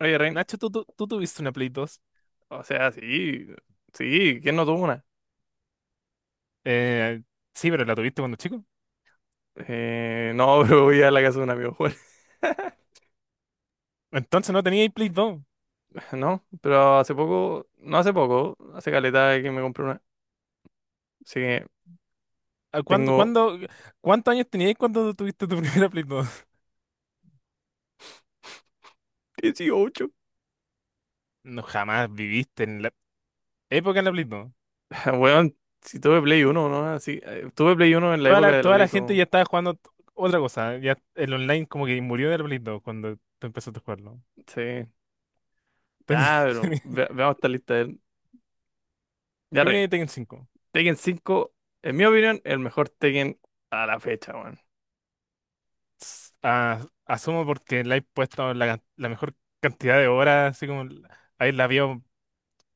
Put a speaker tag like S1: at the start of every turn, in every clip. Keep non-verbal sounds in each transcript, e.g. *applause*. S1: Oye, Ren,
S2: Nacho, tú tuviste una Play 2.
S1: o sea, sí, sí, ¿quién no tuvo una?
S2: Eh, sí, pero la tuviste cuando chico.
S1: No, *laughs* pero voy a la casa de un amigo, bueno. *laughs*
S2: Entonces no teníais Play 2.
S1: No, pero hace poco, no hace poco, hace caleta que me compré una. Así que
S2: ¿A ¿Cuándo,
S1: tengo
S2: cuándo, cuántos años teníais cuando tuviste tu *laughs* primera Play 2? *laughs*
S1: 18.
S2: No, jamás viviste en la época de la Play 2.
S1: *laughs* Weón, si tuve Play 1, ¿no? Así, tuve Play 1 en la
S2: Toda
S1: época
S2: la,
S1: de la
S2: toda
S1: Play
S2: la gente
S1: 2.
S2: ya estaba jugando otra cosa. Ya el online como que murió de la Play 2 cuando tú empezaste a jugarlo.
S1: Sí,
S2: Tenía-
S1: ya,
S2: *laughs*
S1: pero
S2: tenía-
S1: veamos esta lista. Él. Ya,
S2: ¿Qué viene
S1: Ren,
S2: de Tekken cinco?
S1: Tekken 5, en mi opinión, el mejor Tekken a la fecha, weón.
S2: Asumo porque le he puesto la mejor cantidad de horas, así como ahí la vio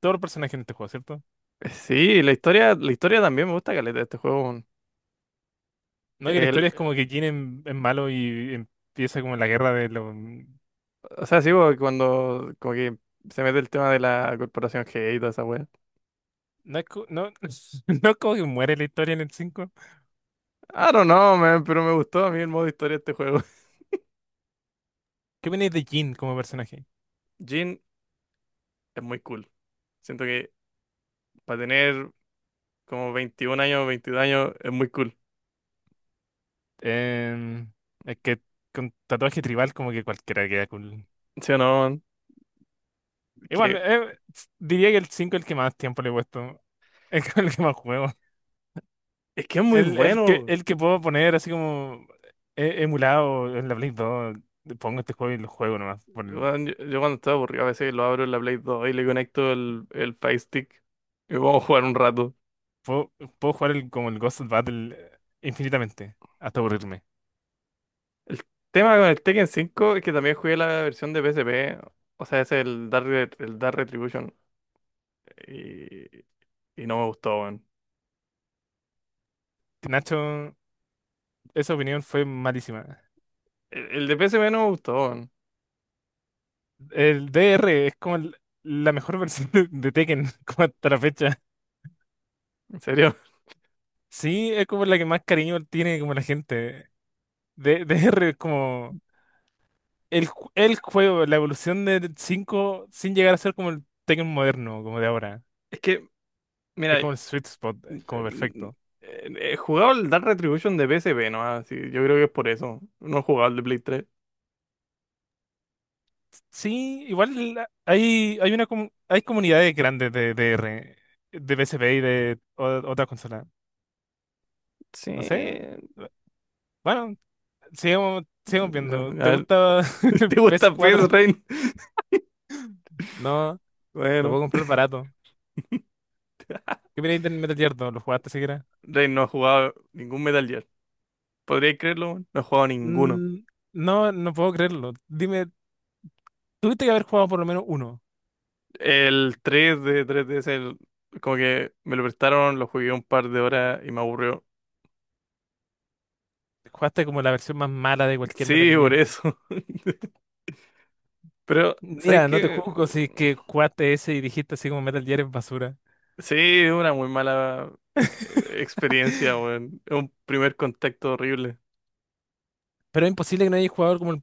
S2: todo el personaje en este juego, ¿cierto?
S1: Sí, la historia también me gusta caleta de este juego,
S2: No, que la
S1: weón.
S2: historia es como que Jin es malo y empieza como la guerra de los.
S1: O sea, sí, porque cuando como que se mete el tema de la corporación G y toda esa wea.
S2: No, *laughs* no es como que muere la historia en el cinco.
S1: I don't know, man, pero me gustó a mí el modo historia de este juego.
S2: ¿Qué opinas de Jin como personaje?
S1: *laughs* Jin es muy cool. Siento que para tener como 21 años, 22 años, es muy cool.
S2: Em, es que con tatuaje tribal como que cualquiera queda cool.
S1: ¿Sí o no, man?
S2: Igual,
S1: Que,
S2: diría que el 5 es el que más tiempo le he puesto. *laughs* Es con el que más juego.
S1: es que es muy
S2: El, el que,
S1: bueno.
S2: el que puedo poner así como emulado en la Play 2. Pongo este juego y lo juego nomás.
S1: Weón, yo cuando estoy aburrido a veces lo abro en la Play 2 y le conecto el Fire Stick y vamos a jugar un rato.
S2: Puedo, puedo jugar como el Ghost Battle, infinitamente, hasta aburrirme.
S1: El tema con el Tekken 5 es que también jugué la versión de PSP. O sea, es el Dark Retribution. Y no me gustó, weón.
S2: Nacho, esa opinión fue malísima.
S1: El de PSP no me gustó, weón.
S2: El DR es como la mejor *laughs* versión de, Tekken, *laughs* como hasta la fecha.
S1: En serio. *laughs*
S2: Sí, es como la que más cariño tiene como la gente. DR es como el juego, la evolución del 5 sin llegar a ser como el Tekken moderno, como de ahora.
S1: Es que,
S2: Es
S1: mira,
S2: como el sweet spot, como
S1: eh,
S2: perfecto.
S1: he jugado el Dark Retribution de P PSP, ¿no? Así, yo creo que es por eso. No he jugado el de Play 3.
S2: Sí, igual hay comunidades grandes de PSP y de otras consolas.
S1: Sí.
S2: No sé. Bueno, sigamos,
S1: A
S2: sigamos viendo. ¿Te
S1: ver,
S2: gusta *laughs*
S1: *laughs*
S2: el
S1: ¿te
S2: PES
S1: gusta P
S2: 4?
S1: PES, Rain?
S2: No, lo
S1: Bueno,
S2: puedo comprar barato. ¿Qué opináis del Metal Gear 2? ¿Lo jugaste siquiera?
S1: Rain no ha jugado ningún Metal Gear. ¿Podríais creerlo, weón? No he jugado ninguno.
S2: Mm, no, no puedo creerlo. Dime, tuviste que haber jugado por lo menos uno.
S1: El 3 de 3DS, como que me lo prestaron, lo jugué un par de horas y me aburrió.
S2: Jugaste como la versión más mala de cualquier Metal
S1: Sí, por
S2: Gear.
S1: eso. *laughs* Pero, ¿sabes
S2: Mira, no te
S1: qué?
S2: juzgo si es que jugaste ese y dijiste así como Metal Gear es basura.
S1: Sí, una muy mala experiencia, weón. Es un primer contacto horrible.
S2: Pero es imposible que no haya jugado como el,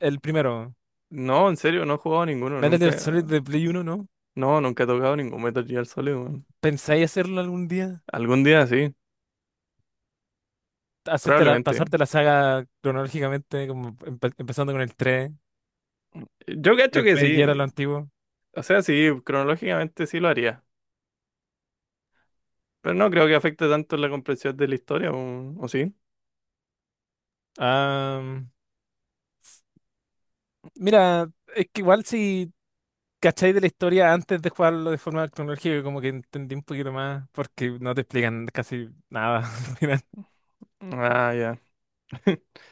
S2: el primero.
S1: No, en serio, no he jugado ninguno,
S2: Metal Gear Solid
S1: nunca.
S2: de Play uno, ¿no?
S1: No, nunca he tocado ningún Metal Gear Solid, weón.
S2: ¿Pensáis hacerlo algún día?
S1: Algún día sí,
S2: Hacerte
S1: probablemente.
S2: pasarte la saga cronológicamente, como empezando con el 3
S1: Yo
S2: y
S1: cacho que
S2: después
S1: sí.
S2: ya era lo antiguo.
S1: O sea, sí, cronológicamente sí lo haría. Pero no creo que afecte tanto la comprensión de la historia, ¿o sí?
S2: Ah, mira, es que igual si cacháis de la historia antes de jugarlo de forma cronológica, como que entendí un poquito más, porque no te explican casi nada *laughs* al final.
S1: Ah, ya. *laughs*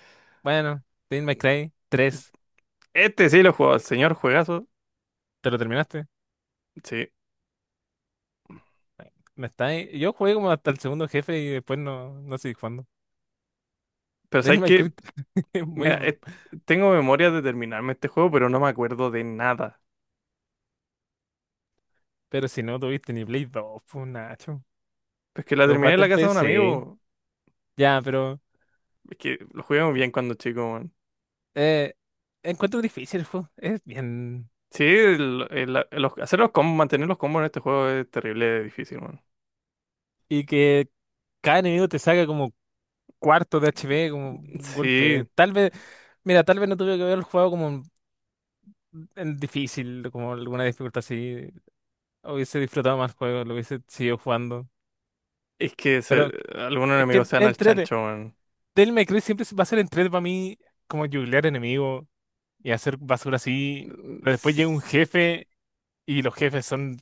S2: Bueno, Devil May Cry 3,
S1: Este sí lo he jugado, el señor juegazo.
S2: ¿te lo terminaste?
S1: Sí.
S2: ¿Me estáis? Yo jugué como hasta el segundo jefe y después no seguí jugando.
S1: Pero
S2: Del
S1: ¿sabes qué?
S2: Minecraft *laughs* es muy.
S1: Mira, tengo memoria de terminarme este juego, pero no me acuerdo de nada.
S2: Pero si no tuviste ni Play 2, pues Nacho.
S1: Pues que la
S2: Lo
S1: terminé en
S2: jugaste
S1: la
S2: en
S1: casa de un
S2: PC.
S1: amigo.
S2: Ya, pero.
S1: Es que lo jugué muy bien cuando chico, man.
S2: Eh, Encuentro difícil el juego. Es bien.
S1: Sí, hacer los combos, mantener los combos en este juego es terrible difícil, man.
S2: Y que cada enemigo te saca como cuarto de HP, como un golpe.
S1: Sí,
S2: Tal vez. Mira, tal vez no tuve que haber jugado como en difícil, como alguna dificultad así. Hubiese disfrutado más el juego, lo hubiese seguido jugando.
S1: es que
S2: Pero
S1: algunos
S2: es que
S1: enemigos se dan al
S2: entrete.
S1: chancho, man.
S2: Del May Cry siempre va a ser entrete para mí como jubilear enemigos. Y hacer basura así. Pero después llega un
S1: S-
S2: jefe y los jefes son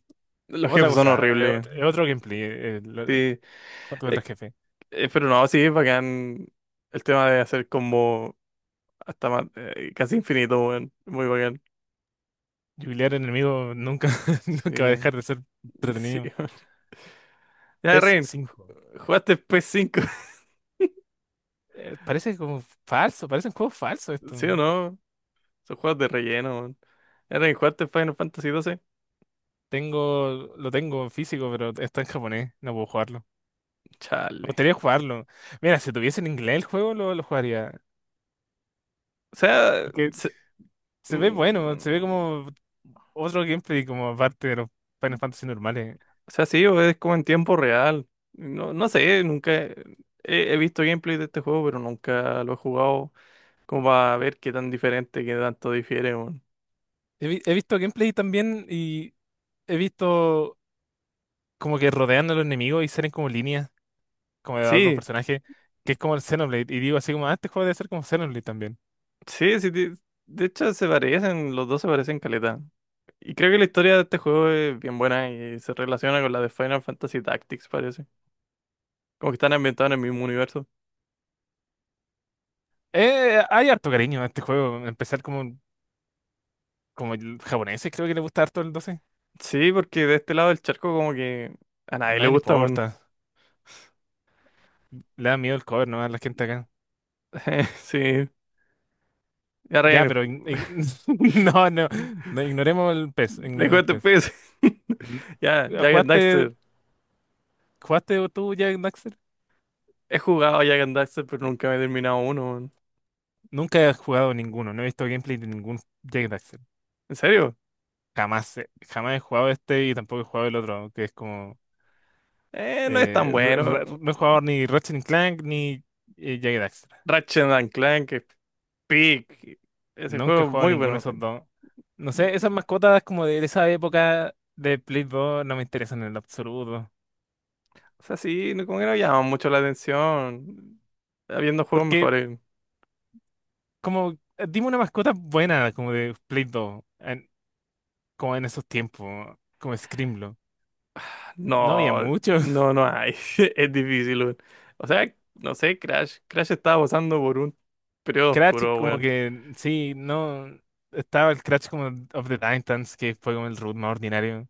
S1: Los
S2: otra
S1: jefes son
S2: cosa,
S1: horribles.
S2: es otro gameplay.
S1: Sí,
S2: Otro
S1: Eh,
S2: jefe.
S1: pero no, sí, es bacán. El tema de hacer combo hasta más, casi infinito, man. Muy bacán.
S2: Jubilear enemigo nunca, *laughs* nunca va a
S1: Sí,
S2: dejar de ser
S1: sí.
S2: entretenido.
S1: *laughs* Ya,
S2: PES
S1: Rain,
S2: cinco.
S1: ¿jugaste P S cinco? *laughs*
S2: Parece como falso, parece un juego falso esto.
S1: ¿Sí o no? Son juegos de relleno. ¿Era que jugaste Final Fantasy XII?
S2: Lo tengo en físico, pero está en japonés, no puedo jugarlo. Me
S1: Chale.
S2: gustaría jugarlo. Mira, si tuviese en inglés el juego, lo jugaría.
S1: O sea,
S2: Porque se ve bueno, se ve
S1: mm,
S2: como otro gameplay, como aparte de los Final Fantasy normales.
S1: o sea, sí, o es como en tiempo real. No, no sé, nunca he visto gameplay de este juego, pero nunca lo he jugado como para ver qué tan diferente, qué tanto difiere, weón.
S2: He visto gameplay también y he visto como que rodean a los enemigos y salen como líneas, como de otros
S1: Sí,
S2: personajes, que es como el Xenoblade. Y digo así como, ah, este juego debe ser como Xenoblade también.
S1: sí, sí. De hecho, se parecen, los dos se parecen caleta. Y creo que la historia de este juego es bien buena y se relaciona con la de Final Fantasy Tactics, parece. Como que están ambientados en el mismo universo.
S2: Hay harto cariño a este juego. Empezar como el japonés, creo que le gusta harto el doce.
S1: Sí, porque de este lado del charco como que... A nadie le
S2: Nadie le
S1: gusta.
S2: importa. Le da miedo el cover, ¿no? A la gente acá.
S1: *laughs* Sí, ya,
S2: Ya,
S1: Ryan,
S2: pero
S1: *laughs*
S2: *laughs* no, no, no, ignoremos el pez, ignoremos
S1: dejo
S2: el
S1: este
S2: pez.
S1: pez. *laughs*
S2: N-
S1: Ya, Jack and
S2: ¿Jugaste,
S1: Daxter.
S2: jugaste tú Jack Daxter?
S1: He jugado a Jack and Daxter, pero nunca me he terminado uno, weón.
S2: Nunca he jugado ninguno, no he visto gameplay de ningún Jack.
S1: ¿En serio?
S2: Jamás he jugado este y tampoco he jugado el otro, que es como.
S1: No es tan bueno.
S2: No he jugado ni Ratchet and Clank ni Jagged Daxter.
S1: Ratchet and Clank, peak. Ese
S2: Nunca he
S1: juego es
S2: jugado
S1: muy
S2: ninguno de
S1: bueno,
S2: esos
S1: Ryan.
S2: dos. No sé, esas mascotas como de esa época de Play 2 no me interesan en lo absoluto.
S1: O sea, sí, como que no llama mucho la atención. Habiendo juegos
S2: Porque
S1: mejores.
S2: como, dime una mascota buena como de Play 2, como en esos tiempos, como Screamlo. No había
S1: No,
S2: mucho.
S1: no,
S2: *laughs*
S1: no hay. *laughs* Es difícil, weón. O sea, no sé, Crash. Crash estaba pasando por un periodo
S2: Crash
S1: oscuro,
S2: como
S1: weón.
S2: que, sí, no. Estaba el Crash como of the Titans, que fue como el root más ordinario.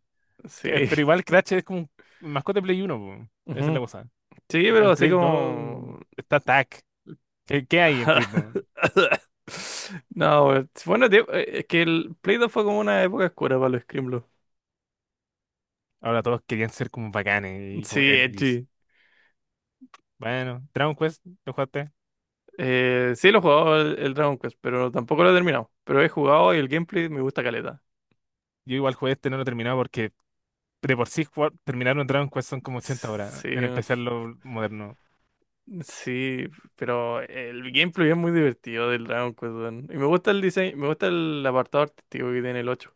S1: Sí.
S2: Pero igual Crash es como un mascota de Play uno po. Esa es la
S1: *laughs*
S2: cosa.
S1: Sí, pero
S2: En
S1: así
S2: Play 2
S1: como...
S2: está Tac. ¿Qué hay en Play dos?
S1: *laughs* No, weón, bueno, tío, es que el Play 2 fue como una época oscura para los Scrimlo.
S2: Ahora todos querían ser como bacanes y como
S1: Sí,
S2: edgys.
S1: edgy.
S2: Bueno, Dragon Quest, ¿lo jugaste?
S1: Sí, lo he jugado el Dragon Quest, pero tampoco lo he terminado. Pero he jugado y el gameplay me gusta caleta.
S2: Yo igual jugué este, no lo he terminado porque de por sí terminar un Dragon Quest son como 80 horas,
S1: Sí,
S2: en especial lo moderno.
S1: sí, pero el gameplay es muy divertido del Dragon Quest, weón. Y me gusta el diseño, me gusta el apartado artístico que tiene el 8.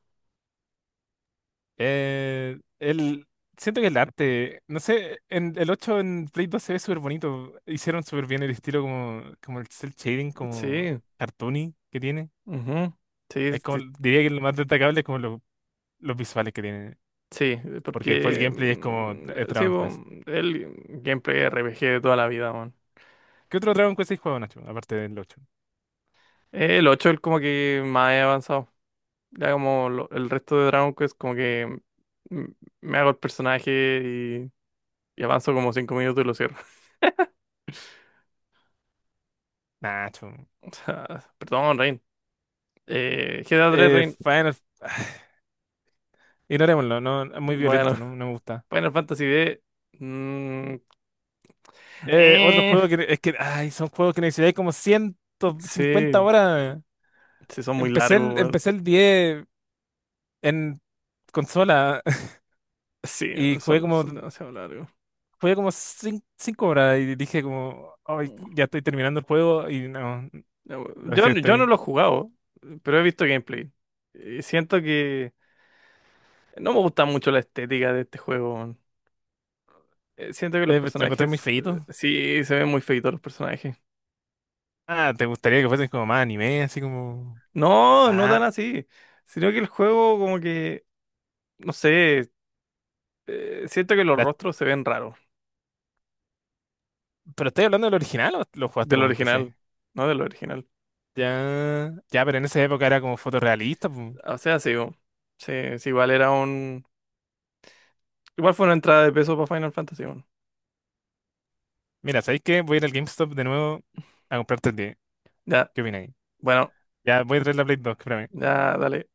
S2: Eh, el, Siento que el arte, no sé, en el 8 en Play 2 se ve súper bonito. Hicieron súper bien el estilo como el cel shading, como
S1: Sí,
S2: cartoony que tiene.
S1: ujú. Sí,
S2: Es como,
S1: sí,
S2: diría que lo más destacable es como los visuales que tiene.
S1: sí,
S2: Porque fue el
S1: porque
S2: gameplay es como
S1: sí,
S2: Dragon
S1: po,
S2: Quest.
S1: el gameplay RPG de toda la vida, man.
S2: ¿Qué otro Dragon Quest hay jugado, Nacho? Aparte del ocho.
S1: El 8 es como que más he avanzado. Ya como el resto de Dragon Quest, como que mm, me hago el personaje y, y avanzo como 5 minutos y lo cierro. *laughs*
S2: Nacho.
S1: O sea, perdón, Rain. GTA 3, Rain.
S2: Final. *sighs* Ignorémoslo, no, es muy violento,
S1: Bueno,
S2: no, no me gusta.
S1: *laughs* Final Fantasy D. mm,
S2: Otro
S1: eh,
S2: juego que es que, ay, son juegos que necesitáis como ciento cincuenta
S1: sí,
S2: horas.
S1: sí, son muy largos, weón.
S2: Empecé el 10 en consola *laughs*
S1: Sí,
S2: y
S1: son, son demasiado largos.
S2: jugué como 5 horas y dije como, ay, ya estoy terminando el juego y no,
S1: No,
S2: lo
S1: Yo,
S2: dejé hasta
S1: yo no
S2: ahí.
S1: lo he jugado, pero he visto gameplay. Y siento que no me gusta mucho la estética de este juego, weón. Siento que los
S2: Te lo encontré muy
S1: personajes,
S2: feíto.
S1: sí, se ven muy feitos los personajes.
S2: Ah, ¿te gustaría que fuesen como más anime, así como.
S1: No, no tan
S2: Ah,
S1: así, sino que el juego como que, no sé, siento que los
S2: la-
S1: rostros se ven raros
S2: ¿pero estoy hablando del original o lo jugaste
S1: del
S2: con PC?
S1: original, no del original.
S2: Ya, ya, pero en esa época era como fotorrealista, pu.
S1: O sea, sí, weón, sí, sí, igual era un... Igual fue una entrada de peso para Final Fantasy, weón.
S2: Mira, ¿sabéis qué? Voy a ir al GameStop de nuevo a comprarte el 10.
S1: Ya,
S2: ¿Qué opináis?
S1: bueno,
S2: Ya, voy a traer la Play 2, que para mí.
S1: ya, dale.